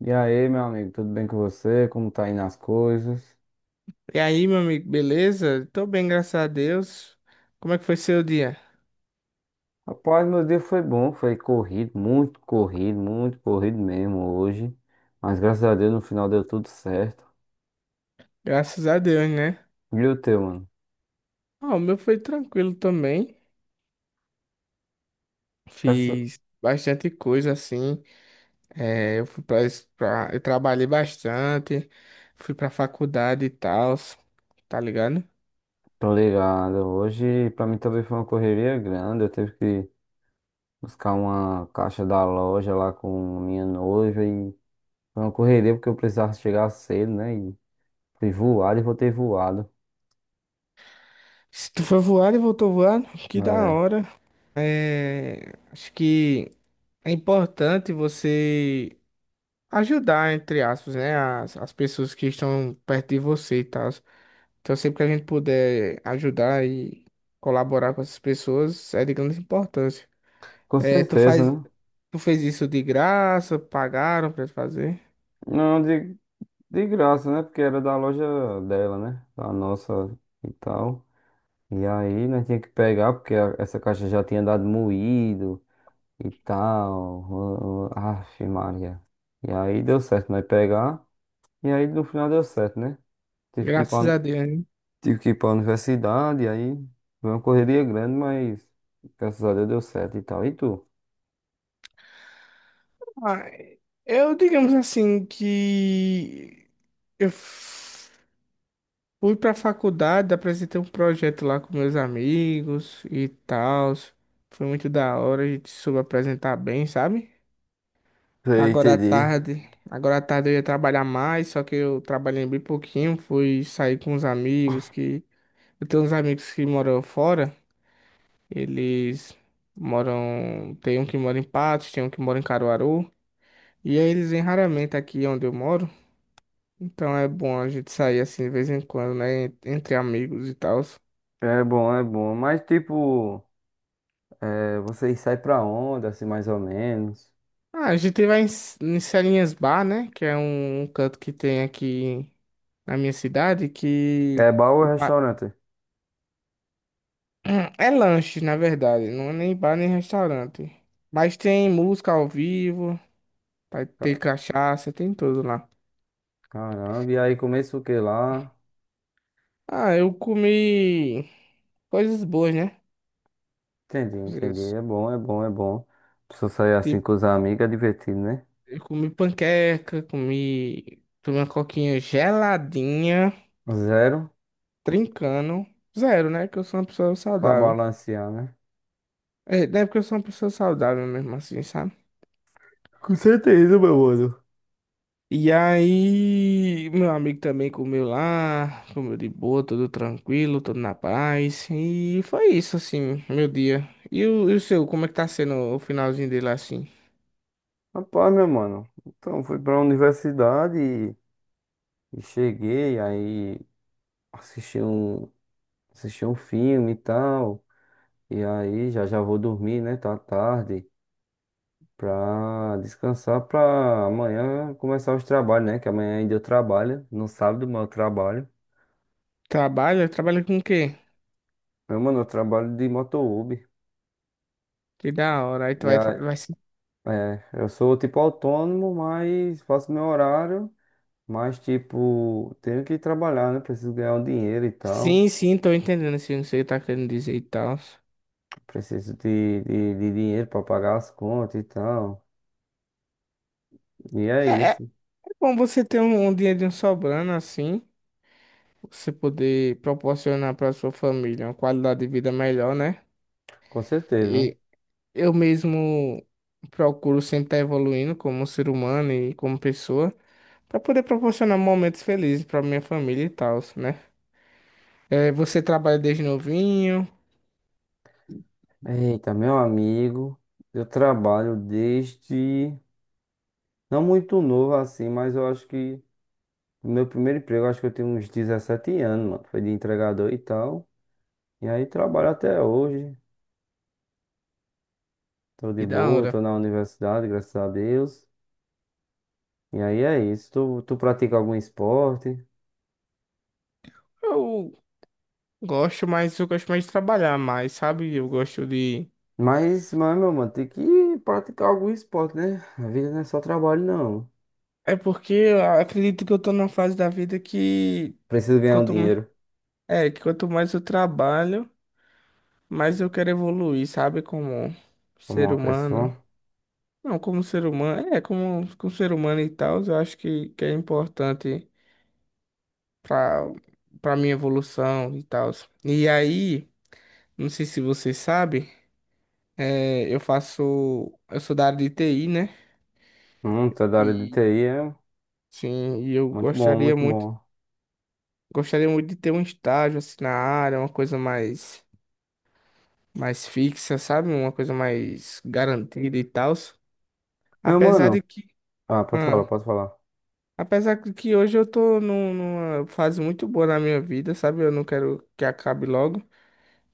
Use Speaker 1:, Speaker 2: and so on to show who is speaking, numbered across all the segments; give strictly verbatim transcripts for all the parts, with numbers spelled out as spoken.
Speaker 1: E aí, meu amigo, tudo bem com você? Como tá indo as coisas?
Speaker 2: E aí, meu amigo, beleza? Tô bem, graças a Deus. Como é que foi seu dia?
Speaker 1: Rapaz, meu dia foi bom, foi corrido, muito corrido, muito corrido mesmo hoje. Mas graças a Deus no final deu tudo certo.
Speaker 2: Graças a Deus, né?
Speaker 1: E o teu, mano?
Speaker 2: Ah, o meu foi tranquilo também.
Speaker 1: Graças...
Speaker 2: Fiz bastante coisa assim. É, eu fui pra, es- pra- eu trabalhei bastante, fui pra faculdade e tal, tá ligado?
Speaker 1: Tô ligado. Hoje pra mim também foi uma correria grande. Eu tive que buscar uma caixa da loja lá com minha noiva e foi uma correria porque eu precisava chegar cedo, né? E fui voado e voltei voado.
Speaker 2: Se tu foi voado e voltou voando, que da
Speaker 1: É,
Speaker 2: hora. É, acho que é importante você ajudar, entre aspas, né, as, as pessoas que estão perto de você e tal. Então, sempre que a gente puder ajudar e colaborar com essas pessoas, é de grande importância.
Speaker 1: com
Speaker 2: É, tu
Speaker 1: certeza,
Speaker 2: faz,
Speaker 1: né?
Speaker 2: tu fez isso de graça, pagaram pra fazer?
Speaker 1: Não, digo. De graça, né? Porque era da loja dela, né? A nossa e tal. E aí nós tinha que pegar, porque a- essa caixa já tinha dado moído e tal. Aff, Maria. E aí deu certo nós pegar. E aí no final deu certo, né? Tive que ir
Speaker 2: Graças
Speaker 1: pra,
Speaker 2: a Deus, né?
Speaker 1: Tive que ir pra universidade, e aí foi uma correria grande, mas graças a Deus deu certo e tal. E tu?
Speaker 2: Ah, eu, digamos assim, que eu f- fui pra faculdade, apresentei um projeto lá com meus amigos e tal. Foi muito da hora, a gente soube apresentar bem, sabe?
Speaker 1: Sei,
Speaker 2: Agora à
Speaker 1: entendi.
Speaker 2: tarde, agora à tarde eu ia trabalhar mais, só que eu trabalhei bem pouquinho, fui sair com os amigos que eu tenho uns amigos que moram fora, eles moram, tem um que mora em Patos, tem um que mora em Caruaru, e aí eles vêm raramente aqui onde eu moro, então é bom a gente sair assim de vez em quando, né, entre amigos e tal.
Speaker 1: É bom, é bom. Mas tipo, é, vocês saem pra onde, assim, mais ou menos?
Speaker 2: Ah, a gente vai em, S- em Celinhas Bar, né, que é um um canto que tem aqui na minha cidade que...
Speaker 1: É bar ou restaurante?
Speaker 2: Hum, é lanche, na verdade. Não é nem bar nem restaurante. Mas tem música ao vivo, vai
Speaker 1: Ca-
Speaker 2: ter cachaça, tem tudo lá.
Speaker 1: Caramba, e aí começa o que lá?
Speaker 2: Ah, eu comi coisas boas, né?
Speaker 1: Entendi, entendi.
Speaker 2: Coisas
Speaker 1: É bom, é bom, é bom. Precisa sair assim
Speaker 2: tipo,
Speaker 1: com os amigos, é divertido, né?
Speaker 2: eu comi panqueca, comi, tomei uma coquinha geladinha,
Speaker 1: Zero
Speaker 2: trincando. Zero, né? Que eu sou uma pessoa
Speaker 1: pra
Speaker 2: saudável.
Speaker 1: balancear, né?
Speaker 2: É, não é porque eu sou uma pessoa saudável mesmo assim, sabe?
Speaker 1: Com certeza, meu mano.
Speaker 2: E aí, meu amigo também comeu lá, comeu de boa, tudo tranquilo, tudo na paz. E foi isso, assim, meu dia. E o, e o seu, como é que tá sendo o finalzinho dele assim?
Speaker 1: Rapaz, meu mano. Então, fui pra universidade e, e cheguei, aí assisti um, assisti um filme e tal. E aí já já vou dormir, né? Tá tarde. Pra descansar pra amanhã começar os trabalhos, né? Que amanhã ainda eu trabalho. No sábado, mas eu trabalho.
Speaker 2: Trabalha? Trabalha com o quê?
Speaker 1: Meu mano, eu trabalho de moto Uber.
Speaker 2: Que da hora. Aí tu
Speaker 1: E
Speaker 2: vai, tra-
Speaker 1: a,
Speaker 2: vai se-
Speaker 1: é, eu sou tipo autônomo, mas faço meu horário. Mas tipo, tenho que trabalhar, né? Preciso ganhar um dinheiro e tal.
Speaker 2: Sim, sim, tô entendendo assim, não sei o que tá querendo dizer e tal.
Speaker 1: Preciso de, de, de dinheiro pra pagar as contas e tal. E é
Speaker 2: É, é
Speaker 1: isso,
Speaker 2: é bom você ter um, um dinheirinho sobrando assim, você poder proporcionar pra sua família uma qualidade de vida melhor, né?
Speaker 1: com certeza.
Speaker 2: Eu mesmo procuro sempre estar evoluindo como ser humano e como pessoa, para poder proporcionar momentos felizes para minha família e tal, né? É, você trabalha desde novinho,
Speaker 1: Eita, meu amigo, eu trabalho desde. Não muito novo assim, mas eu acho que. O meu primeiro emprego, acho que eu tinha uns dezessete anos, mano. Foi de entregador e tal. E aí trabalho até hoje. Tô de
Speaker 2: que da
Speaker 1: boa,
Speaker 2: hora.
Speaker 1: tô na universidade, graças a Deus. E aí é isso. Tu, tu pratica algum esporte?
Speaker 2: Eu gosto, mas eu gosto mais de trabalhar mais, sabe? Eu gosto de.
Speaker 1: Mas, mas, meu mano, tem que praticar algum esporte, né? A vida não é só trabalho, não.
Speaker 2: É porque eu acredito que eu tô numa fase da vida que
Speaker 1: Preciso ganhar um
Speaker 2: quanto,
Speaker 1: dinheiro
Speaker 2: é, que quanto mais eu trabalho, mais eu quero evoluir, sabe? Como
Speaker 1: como
Speaker 2: ser
Speaker 1: uma
Speaker 2: humano.
Speaker 1: pessoa.
Speaker 2: Não, como ser humano, é, como, como, ser humano e tal, eu acho que, que é importante para para minha evolução e tal. E aí, não sei se você sabe, é, eu faço, eu sou da área de T I, né?
Speaker 1: Hum, tá da área de
Speaker 2: E
Speaker 1: T I, é
Speaker 2: sim, e eu
Speaker 1: muito bom,
Speaker 2: gostaria
Speaker 1: muito
Speaker 2: muito,
Speaker 1: bom.
Speaker 2: gostaria muito de ter um estágio assim na área, uma coisa mais mais fixa, sabe? Uma coisa mais garantida e tal.
Speaker 1: Meu
Speaker 2: Apesar
Speaker 1: mano,
Speaker 2: de que,
Speaker 1: ah, pode falar,
Speaker 2: ah,
Speaker 1: pode falar.
Speaker 2: Apesar que que hoje eu tô num- numa fase muito boa na minha vida, sabe? Eu não quero que acabe logo.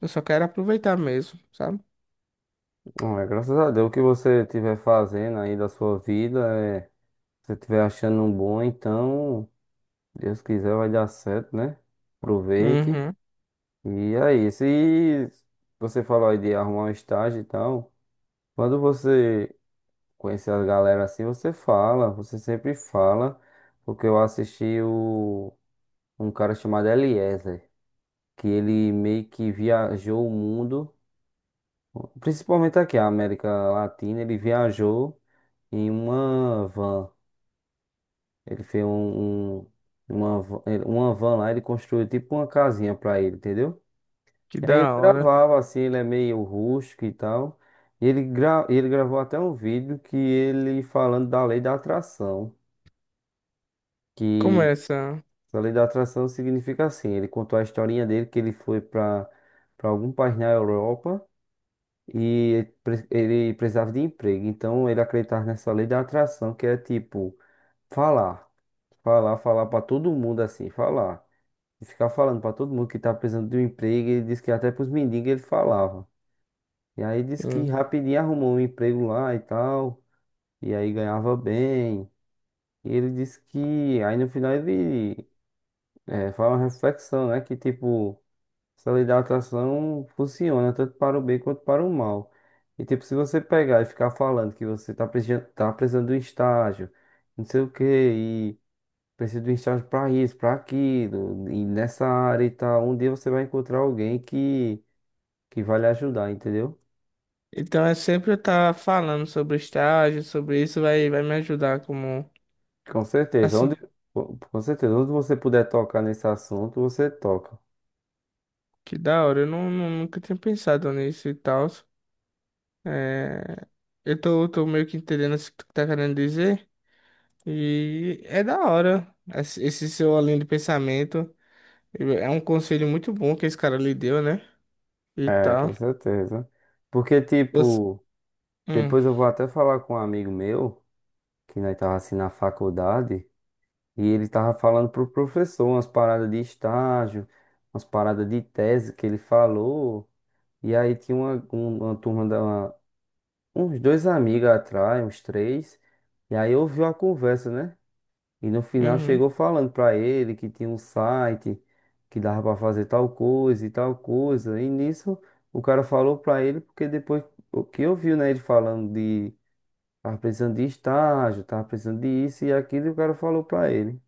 Speaker 2: Eu só quero aproveitar mesmo, sabe?
Speaker 1: Hum, é, graças a Deus o que você estiver fazendo aí da sua vida é. Se você estiver achando um bom, então, Deus quiser, vai dar certo, né? Aproveite.
Speaker 2: Uhum.
Speaker 1: E aí, se você falou aí de arrumar um estágio e tal, quando você conhecer a galera assim, você fala, você sempre fala, porque eu assisti o, um cara chamado Eliezer, que ele meio que viajou o mundo, principalmente aqui, a América Latina, ele viajou em uma van. Ele fez um, um- uma, van- ele- uma van lá, ele construiu tipo uma casinha pra ele, entendeu?
Speaker 2: Que
Speaker 1: E aí ele
Speaker 2: da hora.
Speaker 1: gravava assim, ele é meio rústico e tal. E ele, gra, ele gravou até um vídeo que ele falando da lei da atração. Que
Speaker 2: Começa.
Speaker 1: a lei da atração significa assim, ele contou a historinha dele que ele foi pra para algum país na Europa e ele pre- ele precisava de emprego. Então ele acreditava nessa lei da atração, que é tipo falar, falar, falar pra todo mundo assim, falar. E ficar falando pra todo mundo que tá precisando de um emprego. Ele disse que até pros mendigos ele falava. E aí disse que
Speaker 2: Hum.
Speaker 1: rapidinho arrumou um emprego lá e tal. E aí ganhava bem. E ele disse que aí no final ele é, faz uma reflexão, né? Que tipo, essa lei da atração funciona tanto para o bem quanto para o mal. E tipo, se você pegar e ficar falando que você tá precisando, tá precisando de um estágio, não sei o quê, preciso de um estágio para isso, para aquilo, e nessa área e tal. Um dia você vai encontrar alguém que, que vai lhe ajudar, entendeu?
Speaker 2: Então é sempre eu estar falando sobre estágio, sobre isso, vai, vai me ajudar como.
Speaker 1: Com certeza.
Speaker 2: Assim,
Speaker 1: Onde, com com certeza, onde você puder tocar nesse assunto, você toca.
Speaker 2: que da hora. Eu não, não- nunca tinha pensado nisso e tal. É, eu tô, tô meio que entendendo o que tu tá querendo dizer. E é da hora esse esse seu além de pensamento. É um conselho muito bom que esse cara lhe deu, né? E
Speaker 1: É,
Speaker 2: tal.
Speaker 1: com certeza. Porque,
Speaker 2: Você...
Speaker 1: tipo,
Speaker 2: Hum,
Speaker 1: depois eu vou até falar com um amigo meu, que nós tava assim na faculdade, e ele tava falando pro professor umas paradas de estágio, umas paradas de tese que ele falou. E aí tinha uma, um- uma turma da. Uns dois amigos atrás, uns três. E aí ouviu a conversa, né? E no final
Speaker 2: uhum.
Speaker 1: chegou falando pra ele que tinha um site que dava pra fazer tal coisa e tal coisa. E nisso o cara falou pra ele porque depois o que ouviu, né, ele falando de tava precisando de estágio, tava precisando de isso e aquilo, e o cara falou pra ele.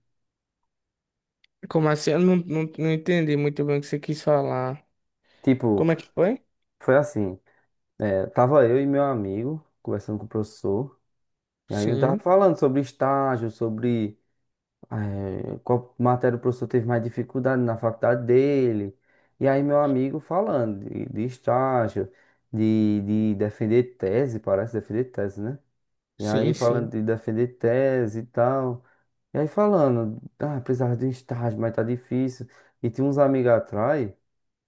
Speaker 2: Como assim? Eu não, não, não entendi muito bem o que você quis falar.
Speaker 1: Tipo,
Speaker 2: Como é que foi?
Speaker 1: foi assim, é, tava eu e meu amigo conversando com o professor, e aí ele tava
Speaker 2: Sim,
Speaker 1: falando sobre estágio, sobre. É, qual matéria o professor teve mais dificuldade na faculdade dele. E aí, meu amigo falando de, de estágio, de, de defender tese, parece defender tese, né? E aí,
Speaker 2: sim,
Speaker 1: falando
Speaker 2: sim.
Speaker 1: de defender tese e tal. E aí, falando, ah, precisava de um estágio, mas tá difícil. E tinha uns amigos atrás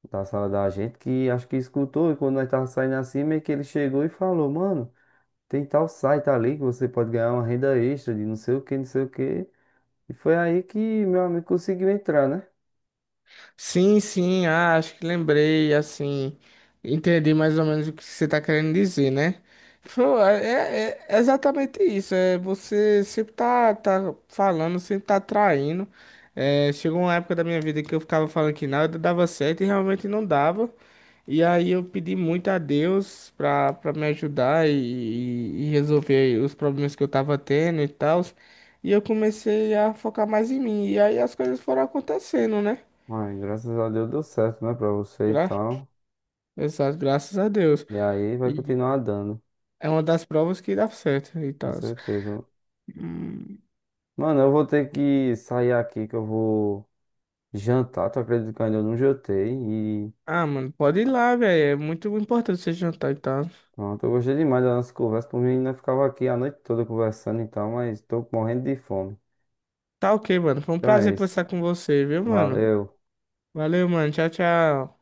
Speaker 1: da sala da gente que acho que escutou. E quando nós tava saindo assim, meio que ele chegou e falou: Mano, tem tal site ali que você pode ganhar uma renda extra de não sei o que, não sei o que. E foi aí que meu amigo conseguiu entrar, né?
Speaker 2: Sim, sim, ah, acho que lembrei, assim. Entendi mais ou menos o que você está querendo dizer, né? Pô, É, é- é exatamente isso. É, você sempre tá, tá falando, sempre tá traindo. É, chegou uma época da minha vida que eu ficava falando que nada dava certo e realmente não dava. E aí eu pedi muito a Deus pra, pra me ajudar e, e- e resolver os problemas que eu tava tendo e tal. E eu comecei a focar mais em mim. E aí as coisas foram acontecendo, né?
Speaker 1: Ai, graças a Deus deu certo, né, pra você e
Speaker 2: Gra
Speaker 1: tal.
Speaker 2: Exato, graças a Deus.
Speaker 1: E aí vai
Speaker 2: E
Speaker 1: continuar dando,
Speaker 2: é uma das provas que dá certo e
Speaker 1: com
Speaker 2: tal.
Speaker 1: certeza.
Speaker 2: Hum,
Speaker 1: Mano, eu vou ter que sair aqui que eu vou jantar. Tu acredita que eu ainda não jantei? E
Speaker 2: Ah, mano, pode ir lá, velho. É muito importante você jantar e tal.
Speaker 1: pronto, eu gostei demais da nossa conversa. Por mim, ainda ficava aqui a noite toda conversando e tal, mas tô morrendo de fome.
Speaker 2: Tá ok, mano. Foi um
Speaker 1: Então é
Speaker 2: prazer
Speaker 1: isso.
Speaker 2: conversar com você, viu, mano?
Speaker 1: Valeu.
Speaker 2: Valeu, mano. Tchau, tchau.